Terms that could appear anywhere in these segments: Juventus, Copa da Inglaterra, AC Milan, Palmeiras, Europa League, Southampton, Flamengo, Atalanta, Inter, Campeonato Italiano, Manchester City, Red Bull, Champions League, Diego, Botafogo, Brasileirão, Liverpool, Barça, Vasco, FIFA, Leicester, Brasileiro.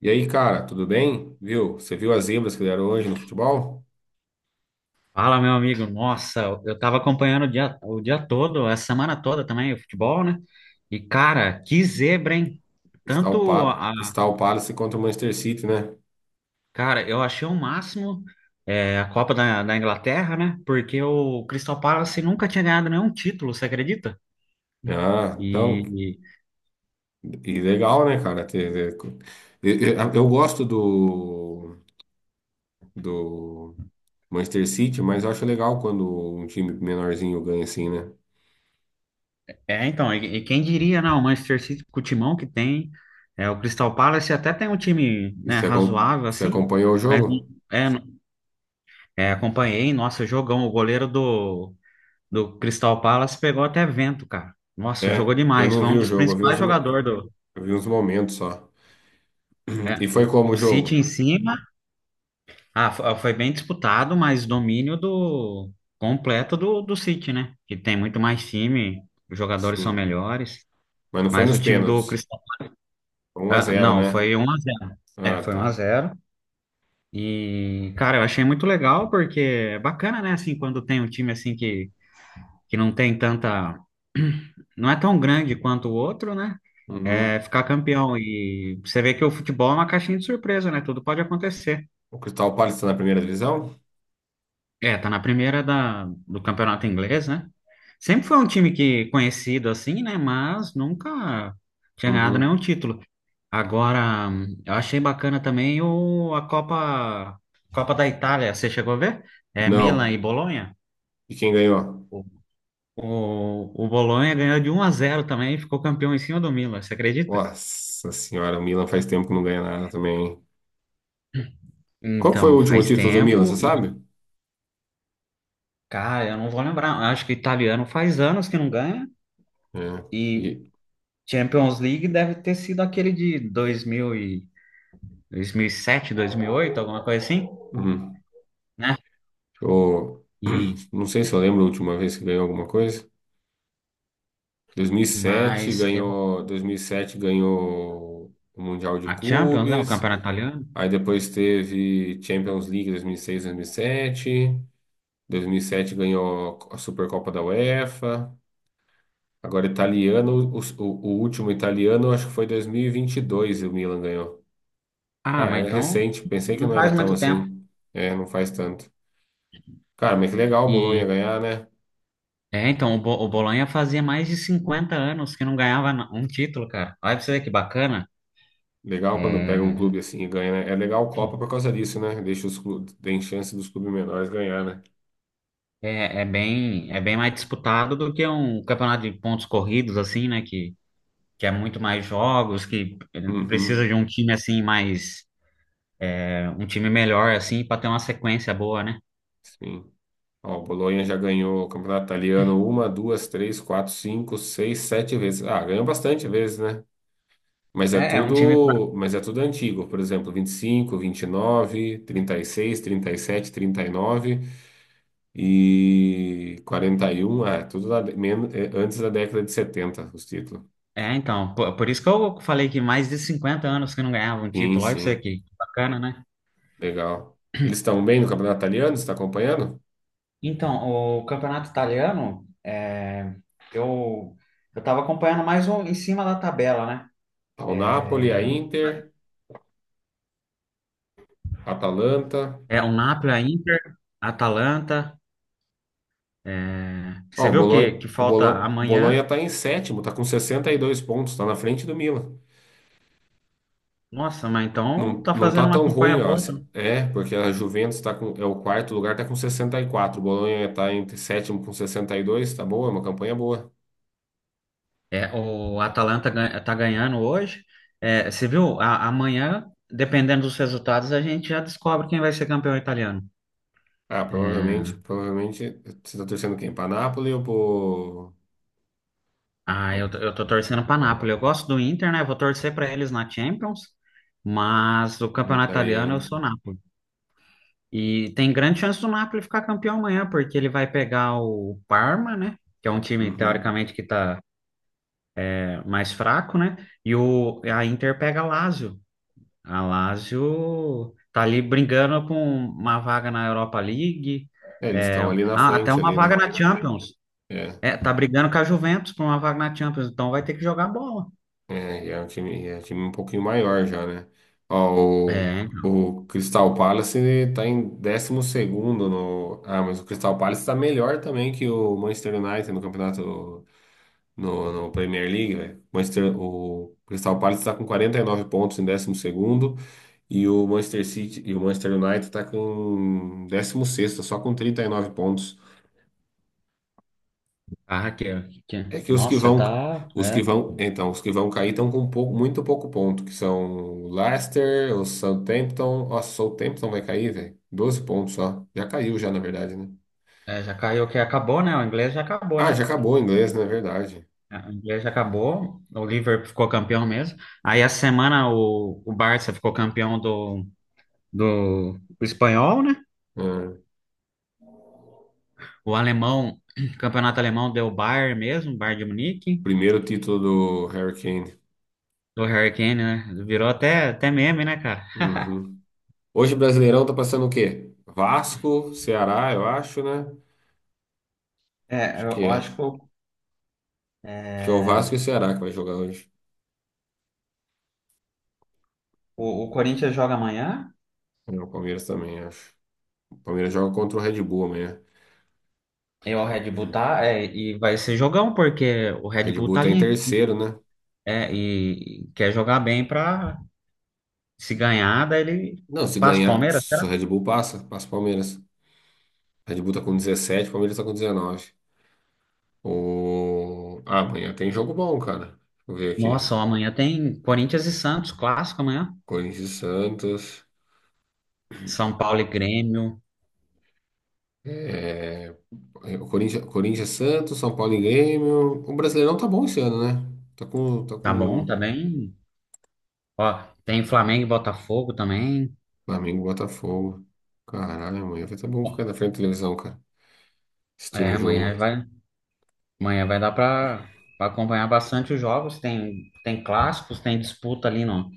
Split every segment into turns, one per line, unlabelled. E aí, cara, tudo bem? Viu? Você viu as zebras que deram hoje no futebol?
Fala, meu amigo. Nossa, eu tava acompanhando o dia todo, a semana toda também, o futebol, né? E, cara, que zebra, hein? Tanto a.
Crystal Palace contra o Manchester City, né?
Cara, eu achei o máximo a Copa da Inglaterra, né? Porque o Crystal Palace nunca tinha ganhado nenhum título, você acredita?
Ah, então,
E.
e legal, né, cara? Eu gosto do, do Manchester City, mas eu acho legal quando um time menorzinho ganha assim, né?
É, então, e quem diria, não? O Manchester City, com o timão que tem, o Crystal Palace até tem um time,
E
né,
você,
razoável,
você
assim,
acompanhou o
mas.
jogo?
É, é, acompanhei, nossa, jogão, o goleiro do Crystal Palace pegou até vento, cara. Nossa,
É,
jogou
eu
demais.
não
Foi um
vi o
dos
jogo,
principais jogadores do.
eu vi uns momentos só.
é,
E foi
o,
como
o
o
City em
jogo?
cima. Ah, foi bem disputado, mas domínio do completo do City, né? Que tem muito mais time, os jogadores são
Sim,
melhores.
mas não foi
Mas
nos
o time do
pênaltis.
Crystal.
Um a
Ah,
zero,
não,
né?
foi 1-0. É,
Ah,
foi um a
tá.
zero. E, cara, eu achei muito legal, porque é bacana, né? Assim, quando tem um time assim que não tem tanta, não é tão grande quanto o outro, né? É
Uhum.
ficar campeão. E você vê que o futebol é uma caixinha de surpresa, né? Tudo pode acontecer.
O Crystal Palace está na primeira divisão?
É, tá na primeira da, do campeonato inglês, né? Sempre foi um time que conhecido assim, né? Mas nunca tinha ganhado nenhum
Uhum.
título. Agora, eu achei bacana também o, a Copa da Itália. Você chegou a ver? É Milan e
Não.
Bolonha.
E quem ganhou?
O Bolonha ganhou de 1-0 também e ficou campeão em cima do Milan, você acredita?
Nossa senhora, o Milan faz tempo que não ganha nada também, hein? Qual que foi o
Então,
último
faz
título do Milan, você
tempo e,
sabe?
cara, eu não vou lembrar. Eu acho que o italiano faz anos que não ganha
É.
e
E,
Champions League deve ter sido aquele de 2000 e, 2007, oito alguma coisa assim,
uhum.
né?
Eu
E,
não sei se eu lembro a última vez que ganhou alguma coisa. 2007
mas eu,
ganhou, 2007 ganhou o Mundial de
a Champions, né, o
Clubes.
campeonato italiano?
Aí depois teve Champions League 2006, 2007. 2007 ganhou a Supercopa da UEFA. Agora, italiano, o último italiano, acho que foi 2022 e vinte e dois o Milan ganhou.
Ah,
Ah,
mas
é
então
recente, pensei que
não
não era
faz
tão
muito tempo.
assim. É, não faz tanto. Cara, mas que legal o Bolonha
E
ganhar, né?
então, o Bolonha fazia mais de 50 anos que não ganhava um título, cara. Olha pra você ver que bacana.
Legal quando pega um
É,
clube assim e ganha, né? É legal a Copa por causa disso, né? Deixa os clubes, tem chance dos clubes menores ganhar, né?
é bem mais disputado do que um campeonato de pontos corridos, assim, né? Que é muito mais jogos, que precisa
Uhum,
de um time assim mais, um time melhor, assim, para ter uma sequência boa, né?
sim. Ó, o Bolonha já ganhou o Campeonato Italiano uma, duas, três, quatro, cinco, seis, sete vezes. Ah, ganhou bastante vezes, né? Mas é
É um time.
tudo, mas é tudo antigo, por exemplo, vinte e cinco vinte e nove trinta e seis trinta e sete, trinta e nove e sete 41, ah, é tudo da, é antes da década de 70 os títulos.
É, então, por isso que eu falei que mais de 50 anos que não ganhava um
Sim,
título, olha isso
sim,
aqui, que bacana, né?
legal. Eles estão bem no campeonato italiano, você está acompanhando?
Então, o campeonato italiano, eu, eu estava acompanhando mais um em cima da tabela, né?
Tá o Napoli, a Inter, a Atalanta.
É o Napoli, a Inter, a Atalanta.
Ó,
Você
o
vê o
Bolonha,
que que falta
O
amanhã?
Bolonha tá em sétimo, tá com 62 pontos, tá na frente do Milan.
Nossa, mas então
Não,
tá
não
fazendo
tá
uma
tão
campanha
ruim, ó.
boa, tá?
É, porque a Juventus tá com, é o quarto lugar, tá com 64. O Bolonha tá entre sétimo com 62 tá boa, é uma campanha boa.
É, o Atalanta tá ganhando hoje. É, você viu? Amanhã, dependendo dos resultados, a gente já descobre quem vai ser campeão italiano.
Ah, provavelmente,
É,
provavelmente, você tá torcendo quem? Pra Napoli ou pro,
ah,
pro
eu tô torcendo pra Napoli. Eu gosto do Inter, né? Vou torcer pra eles na Champions, mas o campeonato italiano eu sou
italiano?
Napoli. E tem grande chance do Napoli ficar campeão amanhã, porque ele vai pegar o Parma, né? Que é um time,
Uhum.
teoricamente, que tá mais fraco, né? E o, a Inter pega a Lazio. A Lazio tá ali brigando com uma vaga na Europa League,
É, eles
é,
estão ali na
ah, até
frente,
uma
ali, né?
vaga na Champions.
É.
É, tá brigando com a Juventus por uma vaga na Champions, então vai ter que jogar bola.
É, e é um time, e é um time um pouquinho maior já, né? Ó,
É,
o Crystal Palace tá em décimo segundo no... Ah, mas o Crystal Palace tá melhor também que o Manchester United no campeonato... no Premier League, velho. Manchester, o Crystal Palace tá com 49 pontos em décimo segundo e o Manchester City e o Manchester United tá com décimo sexto só com 39 pontos.
ah,
É que
nossa, tá,
os que vão, então, os que vão cair estão com pouco, muito pouco ponto, que são o Leicester, o Southampton. Nossa, o Southampton vai cair, velho. 12 pontos só. Já caiu já, na verdade, né?
já caiu que acabou, né? O inglês já acabou,
Ah, já
né?
acabou o inglês, na verdade.
É, o inglês já acabou, o Liverpool ficou campeão mesmo. Aí a semana o Barça ficou campeão do espanhol, né?
Ah,
O alemão, campeonato alemão deu Bayern mesmo, Bayern de Munique,
primeiro título do Harry Kane.
do Harry Kane, né? Virou até meme, né, cara?
Uhum. Hoje o Brasileirão tá passando o quê? Vasco, Ceará, eu acho, né?
É, eu
Acho que
eu
é.
acho que
Acho que é o
é,
Vasco e o Ceará que vai jogar hoje.
o Corinthians joga amanhã
E o Palmeiras também, acho. O Palmeiras joga contra o Red Bull amanhã.
e o Red Bull tá, e vai ser jogão, porque o
O
Red
Red
Bull
Bull
tá
tá em
ali,
terceiro, né?
é, e quer jogar bem pra se ganhar, daí ele
Não, se
passa o
ganhar,
Palmeiras,
se
será?
o Red Bull passa, passa o Palmeiras. Red Bull tá com 17, Palmeiras tá com 19. O... Ah, amanhã tem jogo bom, cara. Deixa eu ver aqui.
Nossa, ó, amanhã tem Corinthians e Santos, clássico amanhã.
Corinthians e Santos.
São Paulo e Grêmio,
É... o Corinthians, Corinthians e Santos, São Paulo e Grêmio. O Brasileirão tá bom esse ano, né? Tá
tá bom, tá
com
bem. Ó, tem Flamengo e Botafogo também.
Flamengo e Botafogo. Caralho, amanhã vai tá bom ficar na frente da televisão, cara. Assistindo
É,
o
amanhã
jogo.
vai, amanhã vai dar para acompanhar bastante os jogos. Tem clássicos, tem disputa ali no,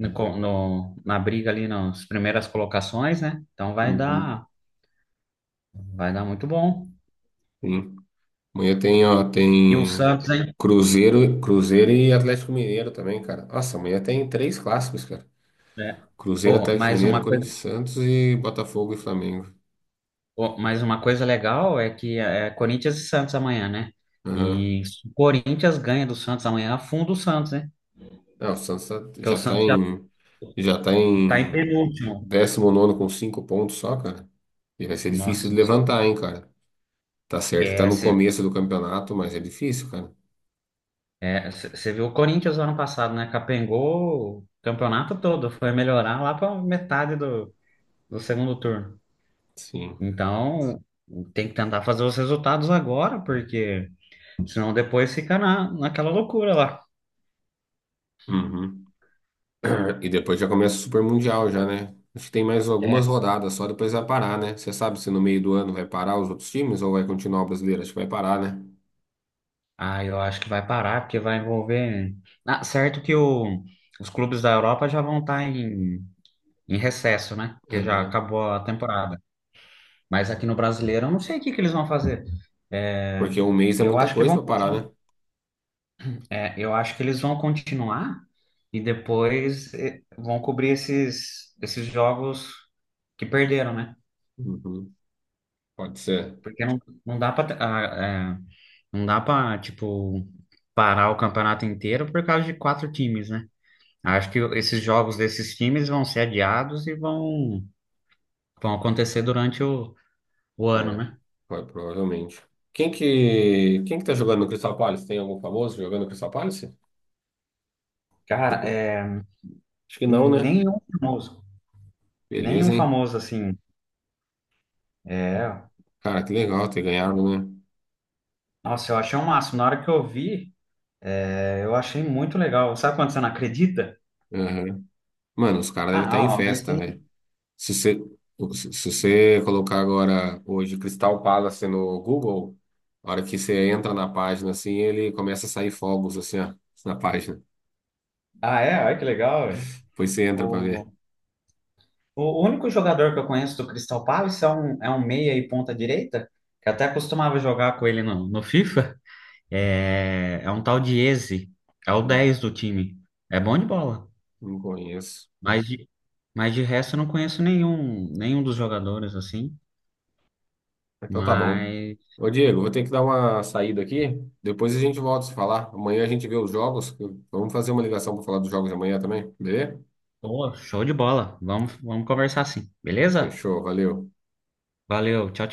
no, co- no- na briga ali nas primeiras colocações, né? Então vai
Uhum.
dar, vai dar muito bom.
Sim. Amanhã tem, ó,
E o
tem
Santos, hein?
Cruzeiro, Cruzeiro e Atlético Mineiro também, cara. Nossa, amanhã tem três clássicos, cara.
É.
Cruzeiro,
Oh,
Atlético
mais
Mineiro,
uma coisa,
Corinthians, e Santos e Botafogo e Flamengo.
oh, mais uma coisa legal é que é Corinthians e Santos amanhã, né?
Aham.
E se o Corinthians ganha do Santos amanhã, afunda o Santos, né?
Não, o
Porque o Santos já
já tá
tá em
em
penúltimo.
décimo nono com 5 pontos só, cara. E vai ser difícil
Nossa,
de levantar, hein, cara. Tá certo que tá no
esquece.
começo do campeonato, mas é difícil, cara.
Você viu o Corinthians no ano passado, né? Capengou o campeonato todo, foi melhorar lá para metade do segundo turno.
Sim.
Então, tem que tentar fazer os resultados agora, porque senão depois fica naquela loucura lá.
Uhum. E depois já começa o Super Mundial já, né? Acho que tem mais algumas
É.
rodadas, só depois vai parar, né? Você sabe se no meio do ano vai parar os outros times ou vai continuar o brasileiro? Acho que vai parar, né?
Ah, eu acho que vai parar, porque vai envolver. Ah, certo que os clubes da Europa já vão estar em recesso, né? Porque já
Uhum.
acabou a temporada. Mas aqui no Brasileiro, eu não sei o que que eles vão fazer. É,
Porque um mês é
eu
muita
acho que
coisa
vão.
pra parar, né?
É, eu acho que eles vão continuar e depois vão cobrir esses jogos que perderam, né?
Uhum. Pode ser.
Porque não dá para não dá para tipo parar o campeonato inteiro por causa de quatro times, né? Acho que esses jogos desses times vão ser adiados e vão acontecer durante o ano,
Né?
né?
Provavelmente. Quem que tá jogando no Crystal Palace? Tem algum famoso jogando no Crystal Palace?
Cara,
Acho que não, né?
nenhum famoso, nenhum
Beleza, hein?
famoso assim. É,
Cara, que legal ter ganhado, né?
nossa, eu achei o máximo. Na hora que eu vi. É, eu achei muito legal. Sabe quando você não acredita?
Uhum. Mano, os caras devem estar em
Ah, ah, mas
festa, velho.
tem.
Se você, se você colocar agora hoje Crystal Palace no Google, a hora que você entra na página, assim, ele começa a sair fogos, assim, ó, na página.
Ah, é? Olha que legal.
Depois você entra pra ver.
O, o único jogador que eu conheço do Crystal Palace é um meia e ponta direita, que até costumava jogar com ele no FIFA. É um tal de Eze. É o
Não,
10 do time. É bom de bola.
não conheço.
Mas de, mas de resto eu não conheço nenhum dos jogadores assim.
Então tá bom.
Mas,
Ô, Diego, vou ter que dar uma saída aqui. Depois a gente volta a se falar. Amanhã a gente vê os jogos. Vamos fazer uma ligação para falar dos jogos de amanhã também, beleza?
pô, show de bola. Vamos conversar assim, beleza?
Fechou, valeu.
Valeu, tchau, tchau.